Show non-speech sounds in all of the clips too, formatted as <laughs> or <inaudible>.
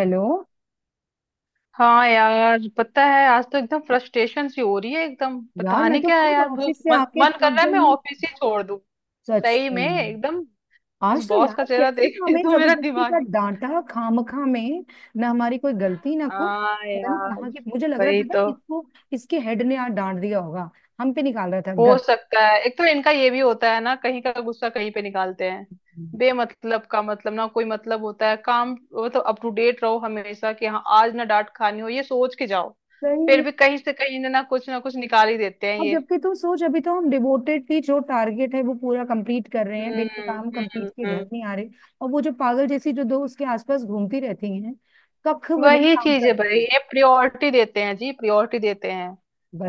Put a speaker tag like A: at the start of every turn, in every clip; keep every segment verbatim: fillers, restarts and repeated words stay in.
A: Hello.
B: हाँ यार, पता है आज तो एकदम फ्रस्ट्रेशन सी हो रही है। एकदम
A: यार
B: पता
A: मैं
B: नहीं
A: तो
B: क्या है
A: खुद
B: यार, बहुत
A: ऑफिस से
B: मन
A: आके
B: मन कर
A: थक
B: रहा है मैं
A: गई हूँ।
B: ऑफिस ही छोड़ दूँ।
A: सच
B: सही में
A: में।
B: एकदम। उस
A: आज तो
B: बॉस
A: यार
B: का चेहरा
A: कैसे
B: देख के
A: हमें
B: तो मेरा
A: जबरदस्ती
B: दिमाग
A: का
B: ही।
A: डांटा खामखा में। ना हमारी कोई गलती ना कुछ।
B: हाँ
A: पता नहीं
B: यार।
A: कहाँ के मुझे लग रहा है
B: वही
A: पता है
B: तो।
A: इसको, इसके हेड ने आज डांट दिया होगा। हम पे निकाल रहा था
B: हो
A: गधा।
B: सकता है, एक तो इनका ये भी होता है ना, कहीं का गुस्सा कहीं पे निकालते हैं। बेमतलब का, मतलब ना कोई मतलब होता है काम। वो तो अप टू डेट रहो हमेशा कि हाँ आज ना डांट खानी हो, ये सोच के जाओ।
A: सही
B: फिर
A: में।
B: भी कहीं से कहीं ना ना कुछ ना कुछ निकाल ही देते हैं
A: और
B: ये।
A: जबकि तू सोच अभी तो हम डिवोटेडली जो टारगेट है वो पूरा कंप्लीट कर रहे हैं,
B: हम्म।
A: बिना काम कंप्लीट
B: हम्म
A: के घर
B: हम्म
A: नहीं आ रहे। और वो जो पागल जैसी जो दो उसके आसपास घूमती रहती हैं, कख भी नहीं
B: वही
A: काम
B: चीज है भाई,
A: करती।
B: ये प्रियोरिटी देते हैं जी, प्रियोरिटी देते हैं।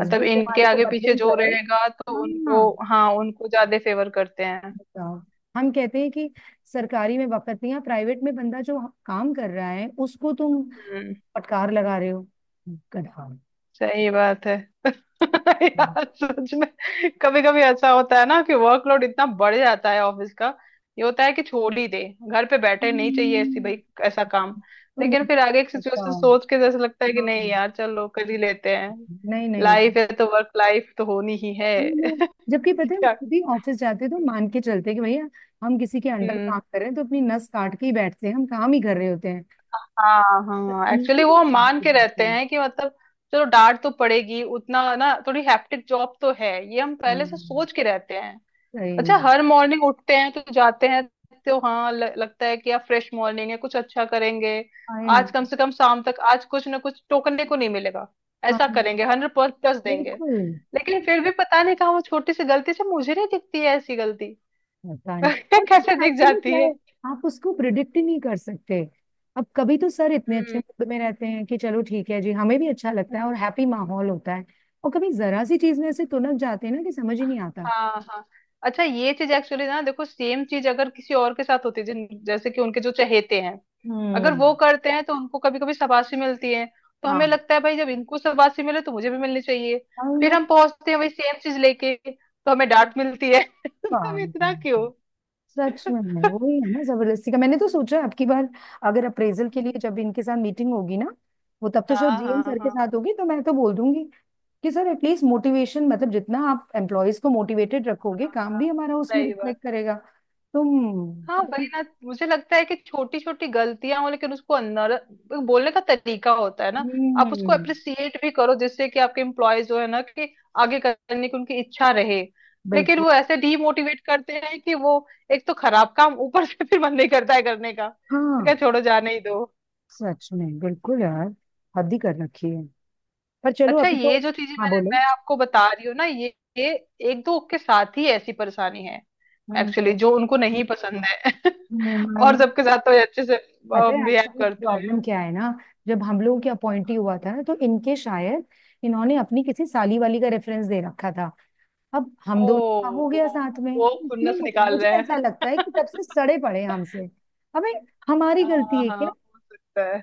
B: मतलब इनके
A: तुम्हारे को
B: आगे पीछे
A: बदलिंग
B: जो
A: करे।
B: रहेगा तो
A: हाँ,
B: उनको, हाँ, उनको ज्यादा फेवर करते हैं।
A: बताओ। हम कहते हैं कि सरकारी में बकतियां, प्राइवेट में बंदा जो काम कर रहा है उसको तुम
B: हम्म।
A: फटकार लगा रहे हो गधा।
B: सही बात है। <laughs> यार सच में। कभी कभी ऐसा होता है ना कि वर्कलोड इतना बढ़ जाता है ऑफिस का। ये होता है कि छोड़ ही दे। घर पे बैठे, नहीं चाहिए ऐसी भाई।
A: हम्म,
B: ऐसा काम।
A: और वो
B: लेकिन फिर आगे की सिचुएशन
A: बताओ।
B: सोच के जैसे लगता है कि
A: हाँ,
B: नहीं यार, चलो कर ही लेते हैं।
A: नहीं नहीं।
B: लाइफ है तो वर्क लाइफ तो होनी ही है।
A: हम लोग
B: <laughs>
A: जबकि पता है हम
B: क्या।
A: खुद ही ऑफिस जाते हैं तो मान के चलते हैं कि भैया हम किसी के अंडर काम
B: हम्म।
A: कर रहे हैं तो अपनी नस काट के ही बैठते हैं, हम काम ही कर रहे होते हैं।
B: हाँ हाँ,
A: तकनीकी
B: एक्चुअली वो
A: तो
B: हम
A: ज्यादा
B: मान
A: हो
B: के रहते
A: जाती है।
B: हैं कि मतलब। चलो डांट तो पड़ेगी उतना ना, थोड़ी हैप्टिक जॉब तो है ये, हम पहले से
A: हाँ,
B: सोच के रहते हैं।
A: सही
B: अच्छा
A: में।
B: हर मॉर्निंग उठते हैं तो जाते हैं। तो हाँ, ल, लगता है कि यार फ्रेश मॉर्निंग है, कुछ अच्छा करेंगे।
A: I know.
B: आज कम से कम शाम तक आज कुछ ना कुछ टोकने को नहीं मिलेगा। ऐसा
A: हाँ,
B: करेंगे, हंड्रेड प्लस देंगे।
A: बिल्कुल।
B: लेकिन फिर भी पता नहीं कहाँ वो छोटी सी गलती से, मुझे नहीं दिखती है ऐसी गलती।
A: पता
B: <laughs>
A: नहीं। और पता
B: कैसे
A: है
B: दिख
A: एक्चुअली
B: जाती
A: क्या
B: है।
A: है, आप उसको प्रिडिक्ट ही नहीं कर सकते। अब कभी तो सर इतने अच्छे
B: हम्म,
A: मूड में रहते हैं कि चलो ठीक है जी, हमें भी अच्छा लगता है और हैप्पी
B: हम्म।
A: माहौल होता है। और कभी जरा सी चीज में ऐसे तुनक जाते हैं ना कि समझ ही नहीं आता।
B: हाँ हाँ। अच्छा ये चीज एक्चुअली ना देखो, सेम चीज अगर किसी और के साथ होती है जिन- जैसे कि उनके जो चहेते हैं। अगर
A: हम्म।
B: वो करते हैं तो उनको कभी कभी शाबाशी मिलती है। तो हमें
A: हाँ,
B: लगता है भाई, जब इनको शाबाशी मिले तो मुझे भी मिलनी चाहिए।
A: आई
B: फिर
A: नो।
B: हम पहुंचते हैं वही सेम चीज लेके तो हमें डांट मिलती है। <laughs> तो हम इतना क्यों।
A: सच में वही
B: <laughs>
A: है ना जबरदस्ती का। मैंने तो सोचा है, अब की बार अगर अप्रेजल के लिए
B: हम्म,
A: जब इनके साथ मीटिंग होगी ना, वो तब तो शायद
B: हाँ
A: जी एम
B: हाँ
A: सर के
B: हाँ
A: साथ होगी तो मैं तो बोल दूंगी कि सर एटलीस्ट मोटिवेशन, मतलब जितना आप एम्प्लॉयज को मोटिवेटेड रखोगे काम
B: हाँ,
A: भी हमारा उसमें
B: सही बात।
A: रिफ्लेक्ट करेगा। तुम।
B: हाँ वही ना, मुझे लगता है कि छोटी छोटी गलतियां हो, लेकिन उसको अंदर। बोलने का तरीका होता है ना। आप उसको
A: हम्म।
B: अप्रिसिएट भी करो, जिससे कि आपके एम्प्लॉय जो है ना कि। आगे करने की उनकी इच्छा रहे। लेकिन
A: बिल्कुल।
B: वो ऐसे डीमोटिवेट करते हैं कि वो। एक तो खराब काम, ऊपर से फिर मन नहीं करता है करने का, तो क्या
A: हाँ,
B: छोड़ो, जाने ही दो।
A: सच में बिल्कुल यार। हद ही कर रखी है। पर चलो
B: अच्छा
A: अभी तो।
B: ये जो चीजें
A: हाँ,
B: मैंने
A: बोलो।
B: मैं आपको बता रही हूँ ना, ये, ये। एक दो के साथ ही ऐसी परेशानी है।
A: हम्म,
B: एक्चुअली
A: तो,
B: जो उनको नहीं पसंद है। <laughs>
A: हम्म, I
B: और
A: know.
B: सबके साथ तो ये अच्छे से।
A: पता है
B: बिहेव
A: एक्चुअली
B: करते हैं।
A: प्रॉब्लम क्या है ना, जब हम लोगों की अपॉइंटी हुआ था ना तो इनके शायद इन्होंने अपनी किसी साली वाली का रेफरेंस दे रखा था। अब हम
B: ओ।
A: दोनों का हो
B: वो,
A: गया साथ में
B: वो
A: तो इसलिए
B: खुन्नस
A: मुझे
B: निकाल
A: मुझे
B: रहे
A: ऐसा
B: हैं।
A: लगता है कि तब
B: <laughs>
A: से सड़े पड़े हैं हमसे। अबे, हमारी गलती
B: हाँ
A: है
B: हाँ,
A: क्या?
B: हो सकता है।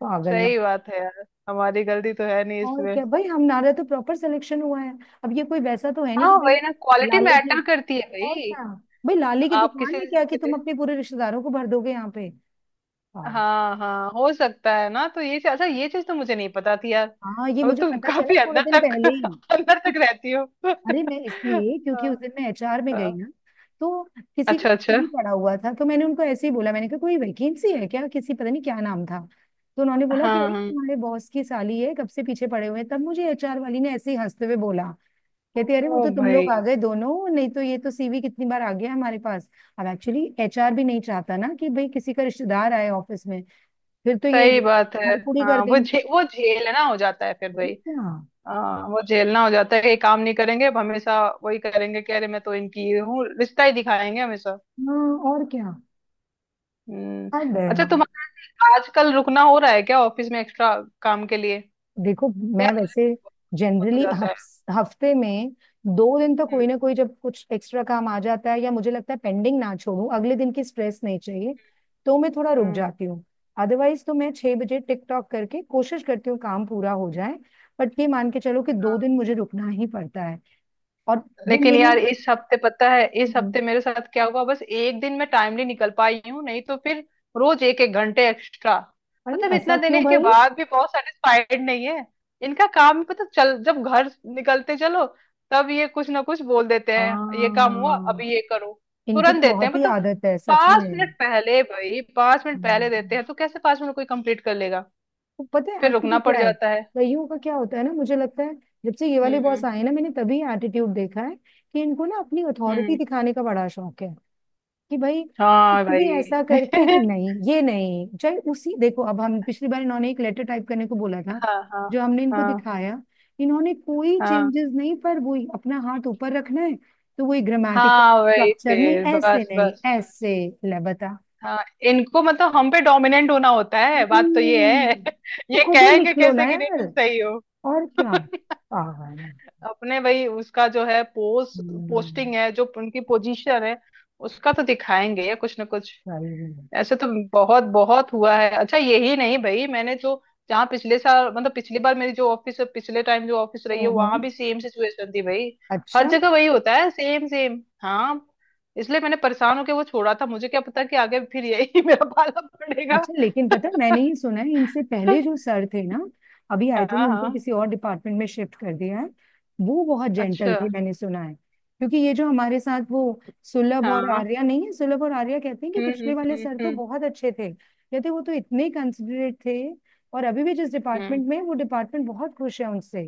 A: पागल ना।
B: सही बात है यार, हमारी गलती तो है नहीं
A: और
B: इसमें।
A: क्या भाई, हमारा तो प्रॉपर सिलेक्शन हुआ है। अब ये कोई वैसा तो है नहीं
B: हाँ
A: कि भैया
B: वही ना, क्वालिटी
A: लाले की।
B: मैटर करती है
A: और
B: भाई।
A: क्या भाई, लाले की
B: आप
A: दुकान
B: किसी
A: में
B: भी चीज
A: क्या
B: के
A: कि तुम
B: लिए।
A: अपने पूरे रिश्तेदारों को भर दोगे यहाँ पे? पागल।
B: हाँ हाँ हो सकता है ना, तो ये चीज, अच्छा ये चीज तो मुझे नहीं पता थी यार।
A: हाँ, ये
B: अब
A: मुझे
B: तुम
A: पता चला
B: काफी
A: थोड़े दिन
B: अंदर तक।
A: पहले ही।
B: <laughs> अंदर तक रहती हो। <laughs>
A: अरे मैं इसलिए क्योंकि उस
B: हाँ,
A: दिन मैं एच आर में गई
B: हाँ।
A: ना, तो किसी
B: अच्छा अच्छा।
A: भी पड़ा हुआ था तो मैंने उनको ऐसे ही बोला, मैंने कहा कोई वैकेंसी है क्या? किसी, पता नहीं क्या नाम था। तो उन्होंने
B: हाँ
A: बोला कि अरे
B: हाँ।
A: तुम्हारे बॉस की साली है, कब से पीछे पड़े हुए हैं। तब मुझे एच आर वाली ने ऐसे ही हंसते हुए बोला, कहती अरे वो
B: ओ
A: तो तुम
B: भाई।
A: लोग आ गए दोनों, नहीं तो ये तो सी वी कितनी बार आ गया हमारे पास। अब एक्चुअली एच आर भी नहीं चाहता ना कि भाई किसी का रिश्तेदार आए ऑफिस में, फिर तो ये
B: सही बात है।
A: हड़पुड़ी कर
B: हाँ, वो
A: देंगे।
B: झे, वो झेलना हो जाता है फिर
A: और
B: भाई।
A: क्या।
B: हाँ वो झेलना हो जाता है कि ये काम नहीं करेंगे अब हमेशा। वही करेंगे, कह रहे मैं तो इनकी ये हूँ, रिश्ता ही दिखाएंगे हमेशा।
A: हाँ, और क्या।
B: हम्म।
A: हद है।
B: अच्छा
A: हाँ।
B: तुम्हारा आजकल रुकना हो रहा है क्या ऑफिस में एक्स्ट्रा काम के लिए?
A: देखो, मैं
B: यार मुझे
A: वैसे
B: तो बहुत हो
A: जनरली
B: जाता है।
A: हफ्ते में दो दिन तो कोई
B: हम्म।
A: ना कोई, जब कुछ एक्स्ट्रा काम आ जाता है या मुझे लगता है पेंडिंग ना छोड़ूं, अगले दिन की स्ट्रेस नहीं चाहिए, तो मैं थोड़ा रुक
B: हम्म।
A: जाती हूँ। अदरवाइज तो मैं छह बजे टिकटॉक करके कोशिश करती हूँ काम पूरा हो जाए। बट ये मान के चलो कि दो
B: हाँ।
A: दिन मुझे रुकना ही पड़ता है। और वो
B: लेकिन
A: मेरी।
B: यार इस हफ्ते, पता है इस
A: हम्म,
B: हफ्ते मेरे साथ क्या हुआ, बस एक दिन मैं टाइमली निकल पाई हूँ, नहीं तो फिर। रोज एक एक घंटे एक्स्ट्रा।
A: अरे
B: मतलब
A: ऐसा
B: इतना
A: क्यों
B: देने के
A: भाई?
B: बाद भी बहुत सेटिस्फाइड नहीं है। इनका काम, पता चल जब घर निकलते चलो। तब ये कुछ ना कुछ बोल देते हैं, ये काम हुआ
A: हाँ,
B: अभी, ये करो।
A: इनकी तो
B: तुरंत देते हैं
A: बहुत ही
B: मतलब।
A: आदत है सच
B: पांच मिनट
A: में।
B: पहले भाई, पांच मिनट पहले देते
A: हम्म।
B: हैं, तो कैसे पांच मिनट कोई कंप्लीट कर लेगा।
A: तो पता है
B: फिर
A: एक्चुअली
B: रुकना पड़
A: क्या है,
B: जाता है।
A: कईयों का क्या होता है ना, मुझे लगता है जब से ये वाले बॉस
B: हम्म
A: आए ना, मैंने तभी एटीट्यूड देखा है कि इनको ना अपनी अथॉरिटी
B: हम्म।
A: दिखाने का बड़ा शौक है। कि भाई
B: हाँ
A: कुछ भी
B: भाई।
A: ऐसा
B: <laughs>
A: करके कि नहीं ये नहीं चाहे, उसी देखो अब हम पिछली बार इन्होंने एक लेटर टाइप करने को बोला था,
B: हाँ हाँ
A: जो हमने इनको
B: हाँ
A: दिखाया। इन्होंने कोई
B: हाँ,
A: चेंजेस नहीं, पर वही अपना हाथ ऊपर रखना है। तो वही, ग्रामेटिकल
B: हाँ वही,
A: स्ट्रक्चर नहीं,
B: फिर
A: ऐसे
B: बस
A: नहीं
B: बस बस।
A: ऐसे। ले बता।
B: हाँ। इनको मतलब हम पे डोमिनेंट होना होता है, बात तो ये है।
A: हम्म,
B: <laughs>
A: तो
B: ये
A: खुद ही
B: कहेंगे
A: लिख लो ना
B: कैसे कि नहीं
A: यार।
B: तुम सही हो।
A: और क्या, पागल है।
B: अपने भाई उसका जो है पोस्ट
A: हम्म,
B: पोस्टिंग है जो उनकी पोजीशन है। उसका तो दिखाएंगे, या कुछ ना कुछ।
A: सही में।
B: ऐसे तो। बहुत बहुत हुआ है। अच्छा यही नहीं भाई, मैंने जो। जहाँ पिछले साल, मतलब पिछली बार मेरी जो ऑफिस, पिछले टाइम जो ऑफिस रही है, वहां
A: हम्म।
B: भी सेम सिचुएशन थी भाई। हर
A: अच्छा।
B: जगह वही होता है सेम सेम। हाँ। इसलिए मैंने परेशान होके वो छोड़ा था, मुझे क्या पता कि आगे फिर यही <laughs> मेरा पाला पड़ेगा।
A: अच्छा लेकिन पता है,
B: <laughs>
A: मैंने ये सुना है इनसे पहले जो सर थे ना, अभी आई
B: हाँ
A: थिंक उनको
B: हाँ।
A: किसी और डिपार्टमेंट में शिफ्ट कर दिया है। वो बहुत जेंटल
B: अच्छा।
A: थे, मैंने सुना है। क्योंकि ये जो हमारे साथ वो, सुलभ और
B: हाँ।
A: आर्या नहीं है, सुलभ और आर्या कहते हैं कि
B: हम्म हम्म
A: पिछले वाले
B: हम्म
A: सर तो
B: हम्म।
A: बहुत अच्छे थे। कहते वो तो इतने कंसिडरेट थे। और अभी भी जिस
B: हम्म।
A: डिपार्टमेंट में है, वो डिपार्टमेंट बहुत खुश है उनसे।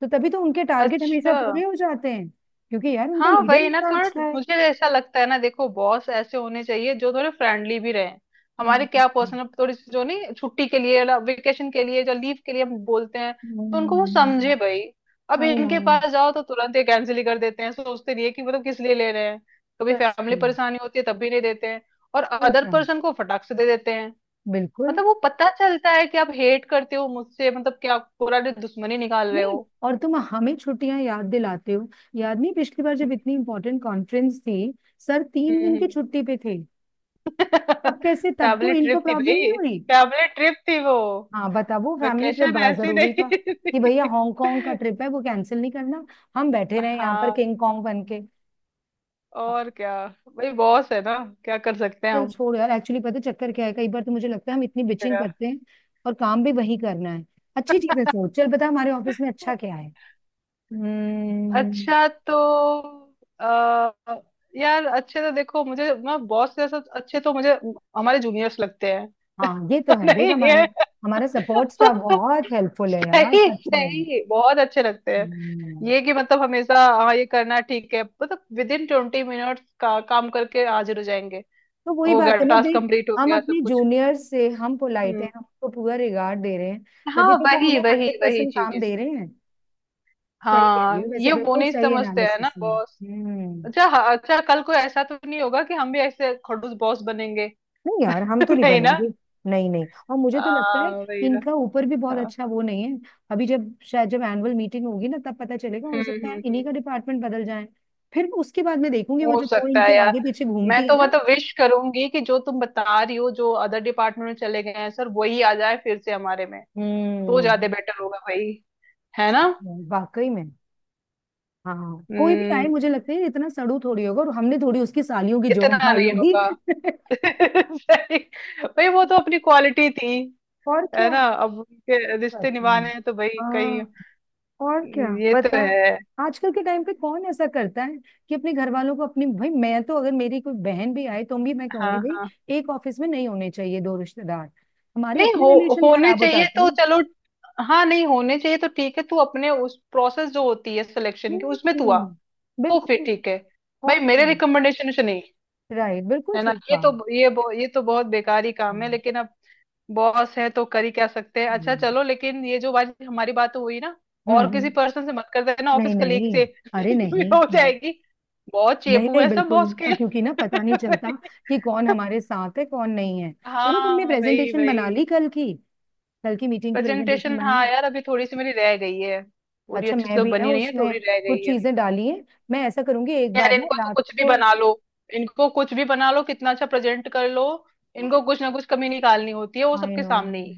A: तो तभी तो उनके टारगेट हमेशा
B: अच्छा।
A: पूरे हो जाते हैं, क्योंकि यार उनका
B: हाँ
A: लीडर
B: वही ना,
A: इतना
B: थोड़ा
A: अच्छा है।
B: मुझे ऐसा लगता है ना, देखो बॉस ऐसे होने चाहिए जो थोड़े फ्रेंडली भी रहे। हमारे क्या पर्सनल, थोड़ी सी जो नहीं छुट्टी के लिए, वेकेशन के लिए, जो लीव के लिए हम बोलते हैं। तो उनको वो समझे भाई। अब
A: आई नो।
B: इनके पास जाओ तो तुरंत ही कैंसिल ही कर देते हैं, सोचते नहीं है कि मतलब किस लिए ले रहे हैं। कभी
A: सच
B: फैमिली
A: में।
B: परेशानी होती है तब भी नहीं देते हैं। और
A: और
B: अदर
A: क्या।
B: पर्सन को फटाक से दे देते हैं।
A: बिल्कुल।
B: मतलब वो पता चलता है कि आप हेट करते हो मुझसे, मतलब क्या पूरा दुश्मनी निकाल रहे
A: नहीं,
B: हो।
A: और तुम हमें छुट्टियां याद दिलाते हो? याद नहीं पिछली बार जब इतनी इंपॉर्टेंट कॉन्फ्रेंस थी, सर तीन
B: हम्म
A: दिन
B: हम्म।
A: की छुट्टी पे थे? तब कैसे, तब तो
B: फैमिली
A: इनको
B: ट्रिप थी
A: प्रॉब्लम नहीं
B: भाई।
A: हुई।
B: फैमिली ट्रिप थी वो।
A: हाँ बता, वो फैमिली ट्रिप
B: वेकेशन
A: बड़ा
B: ऐसी
A: जरूरी
B: नहीं
A: था कि भैया
B: थी।
A: हांगकांग का ट्रिप है वो कैंसिल नहीं करना। हम बैठे रहे यहाँ पर
B: हाँ,
A: किंग कॉन्ग बन के।
B: और क्या। भाई बॉस है ना। क्या कर सकते हैं
A: चल
B: हम।
A: छोड़ यार। एक्चुअली पता है चक्कर क्या है, कई बार तो मुझे लगता है हम इतनी बिचिंग
B: क्या।
A: करते हैं और काम भी वही करना है। अच्छी चीजें सोच चल, पता है हमारे ऑफिस में अच्छा क्या है? हम्म।
B: अच्छा तो आ, यार, अच्छे तो देखो मुझे ना बॉस जैसा, अच्छे तो मुझे। हमारे जूनियर्स लगते हैं।
A: हाँ, ये तो
B: <laughs>
A: है। देख
B: नहीं
A: हमारे,
B: है।
A: हमारा सपोर्ट स्टाफ
B: <laughs>
A: बहुत हेल्पफुल है यार,
B: सही
A: सच में।
B: सही बहुत अच्छे लगते।
A: हम्म,
B: ये कि मतलब हमेशा। हाँ ये करना ठीक है, मतलब विद इन ट्वेंटी मिनट्स का काम करके हाजिर हो जाएंगे।
A: तो वही
B: हो गया,
A: बात है ना
B: टास्क
A: देख,
B: कंप्लीट हो
A: हम
B: गया सब
A: अपने
B: कुछ।
A: जूनियर से हम पोलाइट हैं,
B: हम्म।
A: हम उनको पूरा रिगार्ड दे रहे हैं, तभी
B: हाँ,
A: तो वो
B: वही
A: हमें
B: वही
A: हंड्रेड
B: वही
A: परसेंट काम
B: चीज।
A: दे रहे हैं। सही कह रही
B: हाँ,
A: हो वैसे,
B: ये वो
A: बिल्कुल
B: नहीं
A: सही
B: समझते है ना
A: एनालिसिस है।
B: बॉस।
A: हम्म।
B: अच्छा हाँ, अच्छा कल को ऐसा तो नहीं होगा कि हम भी ऐसे खड़ूस बॉस बनेंगे?
A: नहीं यार, हम
B: <laughs>
A: तो नहीं
B: नहीं ना।
A: बनेंगे। नहीं नहीं, और मुझे तो लगता है
B: हाँ वही ना।
A: इनका ऊपर भी बहुत
B: हाँ।
A: अच्छा वो नहीं है। अभी जब शायद जब एनुअल मीटिंग होगी ना, तब पता चलेगा। हो
B: हम्म
A: सकता है
B: हम्म हम्म।
A: इन्हीं का डिपार्टमेंट बदल जाए। फिर उसके बाद मैं देखूंगी वो
B: हो
A: जो दो
B: सकता है
A: इनके
B: यार।
A: आगे पीछे
B: मैं
A: घूमती है
B: तो
A: ना।
B: मतलब विश करूंगी कि जो तुम बता रही हो, जो अदर डिपार्टमेंट में चले गए हैं सर, वही आ जाए फिर से हमारे में। तो ज्यादा
A: हम्म।
B: बेटर होगा भाई। है ना।
A: वाकई में। हाँ, कोई भी आए
B: हम्म।
A: मुझे लगता है इतना सड़ू थोड़ी होगा, और हमने थोड़ी उसकी सालियों की जॉब
B: इतना
A: खाई
B: नहीं
A: होगी।
B: होगा।
A: <laughs>
B: <laughs> सही। भाई वो तो अपनी क्वालिटी थी।
A: और
B: है
A: क्या।
B: ना, अब उनके रिश्ते
A: सच में।
B: निभाने हैं तो भाई कहीं।
A: हाँ। और क्या
B: हम्म, ये तो
A: पता,
B: है।
A: आजकल के टाइम पे कौन ऐसा करता है कि अपने घर वालों को अपनी, भाई मैं तो अगर मेरी कोई बहन भी आए तो भी मैं कहूंगी
B: हाँ
A: भाई,
B: हाँ।
A: एक ऑफिस में नहीं होने चाहिए दो रिश्तेदार। हमारे
B: नहीं
A: अपने
B: हो।
A: रिलेशन
B: होने
A: खराब हो
B: चाहिए
A: जाते
B: तो
A: हैं।
B: चलो। हाँ, नहीं होने चाहिए, तो ठीक है तू अपने उस प्रोसेस जो होती है सिलेक्शन की, उसमें तू आ।
A: हम्म।
B: तो फिर
A: बिल्कुल।
B: ठीक है।
A: और
B: भाई, मेरे
A: क्या।
B: रिकमेंडेशन से नहीं।
A: राइट, बिल्कुल
B: है ना,
A: ठीक
B: ये तो
A: कहा।
B: ये बहु- ये तो बहुत बेकार ही
A: हाँ,
B: काम है, लेकिन अब। बॉस है तो कर ही क्या सकते हैं। अच्छा
A: हम्म।
B: चलो, लेकिन ये जो आज हमारी बात तो हुई ना। और किसी
A: हम्म,
B: पर्सन से मत कर देना,
A: नहीं
B: ऑफिस कलीग
A: नहीं।
B: से।
A: अरे
B: <laughs> भी
A: नहीं,
B: हो
A: बहुत
B: जाएगी। बहुत
A: नहीं
B: चेपू
A: नहीं,
B: है सब
A: बिल्कुल
B: बॉस
A: नहीं। हाँ,
B: के।
A: क्योंकि ना पता नहीं चलता
B: <laughs>
A: कि कौन हमारे साथ है कौन नहीं है। सुनो, तुमने
B: हाँ, वही
A: प्रेजेंटेशन बना
B: वही।
A: ली कल की? कल की मीटिंग की प्रेजेंटेशन
B: प्रेजेंटेशन
A: बन?
B: हाँ यार, अभी थोड़ी सी मेरी रह गई है। पूरी
A: अच्छा,
B: अच्छी से
A: मैं
B: तो
A: भी ना
B: बनी नहीं है, थोड़ी
A: उसमें
B: रह
A: कुछ
B: गई है।
A: चीजें डाली हैं। मैं ऐसा करूंगी एक बार
B: यार
A: ना
B: इनको तो
A: रात
B: कुछ भी
A: को।
B: बना लो। इनको कुछ भी बना लो कितना अच्छा प्रेजेंट कर लो। इनको कुछ ना कुछ कमी निकालनी होती है, वो
A: आई
B: सबके
A: नो।
B: सामने ही।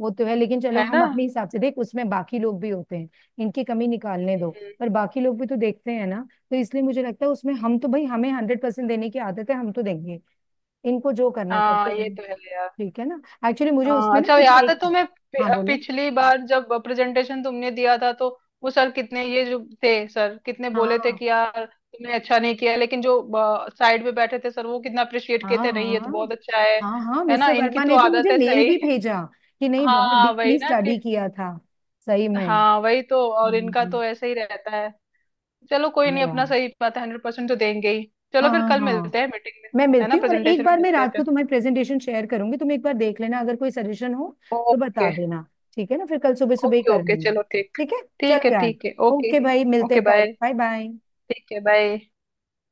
A: वो तो है लेकिन चलो
B: है
A: हम
B: ना।
A: अपने हिसाब से देख, उसमें बाकी लोग भी होते हैं। इनकी कमी निकालने दो,
B: हम्म,
A: पर बाकी लोग भी तो देखते हैं ना। तो इसलिए मुझे लगता है उसमें हम तो भाई, हमें हंड्रेड परसेंट देने की आदत है, हम तो देंगे। इनको जो करना
B: हाँ
A: करते
B: ये
A: रहे।
B: तो है।
A: ठीक है ना। एक्चुअली मुझे
B: हाँ,
A: उसमें ना
B: अच्छा
A: कुछ
B: याद है
A: एक।
B: तुम्हें पि-
A: हाँ बोलो।
B: पिछली बार जब प्रेजेंटेशन तुमने दिया था, तो। वो सर कितने, ये जो थे सर कितने बोले थे
A: हाँ
B: कि यार तुमने अच्छा नहीं किया, लेकिन जो। साइड पे बैठे थे सर, वो कितना अप्रिशिएट किए
A: हाँ
B: थे, नहीं ये
A: हाँ
B: तो बहुत अच्छा है।
A: हाँ। हाँ
B: है ना,
A: मिस्टर
B: इनकी
A: वर्मा
B: तो
A: ने तो
B: आदत
A: मुझे
B: है
A: मेल
B: सही।
A: भी भेजा कि
B: <laughs>
A: नहीं बहुत
B: हाँ वही
A: डीपली
B: ना
A: स्टडी
B: कि।
A: किया था। सही में।
B: हाँ वही तो, और इनका
A: हम्म,
B: तो ऐसे ही रहता है। चलो कोई नहीं,
A: यार।
B: अपना सही बात है, हंड्रेड परसेंट तो देंगे ही। चलो फिर
A: हाँ
B: कल
A: हाँ,
B: मिलते हैं मीटिंग में।
A: मैं
B: है ना,
A: मिलती हूँ, और एक
B: प्रेजेंटेशन में
A: बार मैं
B: मिलते हैं
A: रात को
B: फिर।
A: तुम्हारी प्रेजेंटेशन शेयर करूंगी, तुम एक बार देख लेना, अगर कोई सजेशन हो तो बता
B: ओके।
A: देना। ठीक है ना, फिर कल सुबह सुबह ही
B: ओके
A: कर
B: ओके,
A: लेंगे।
B: चलो ठीक।
A: ठीक है,
B: ठीक है
A: चलो यार।
B: ठीक है ओके।
A: ओके भाई, मिलते
B: ओके
A: हैं कल।
B: बाय।
A: Bye bye.
B: ठीक है, बाय।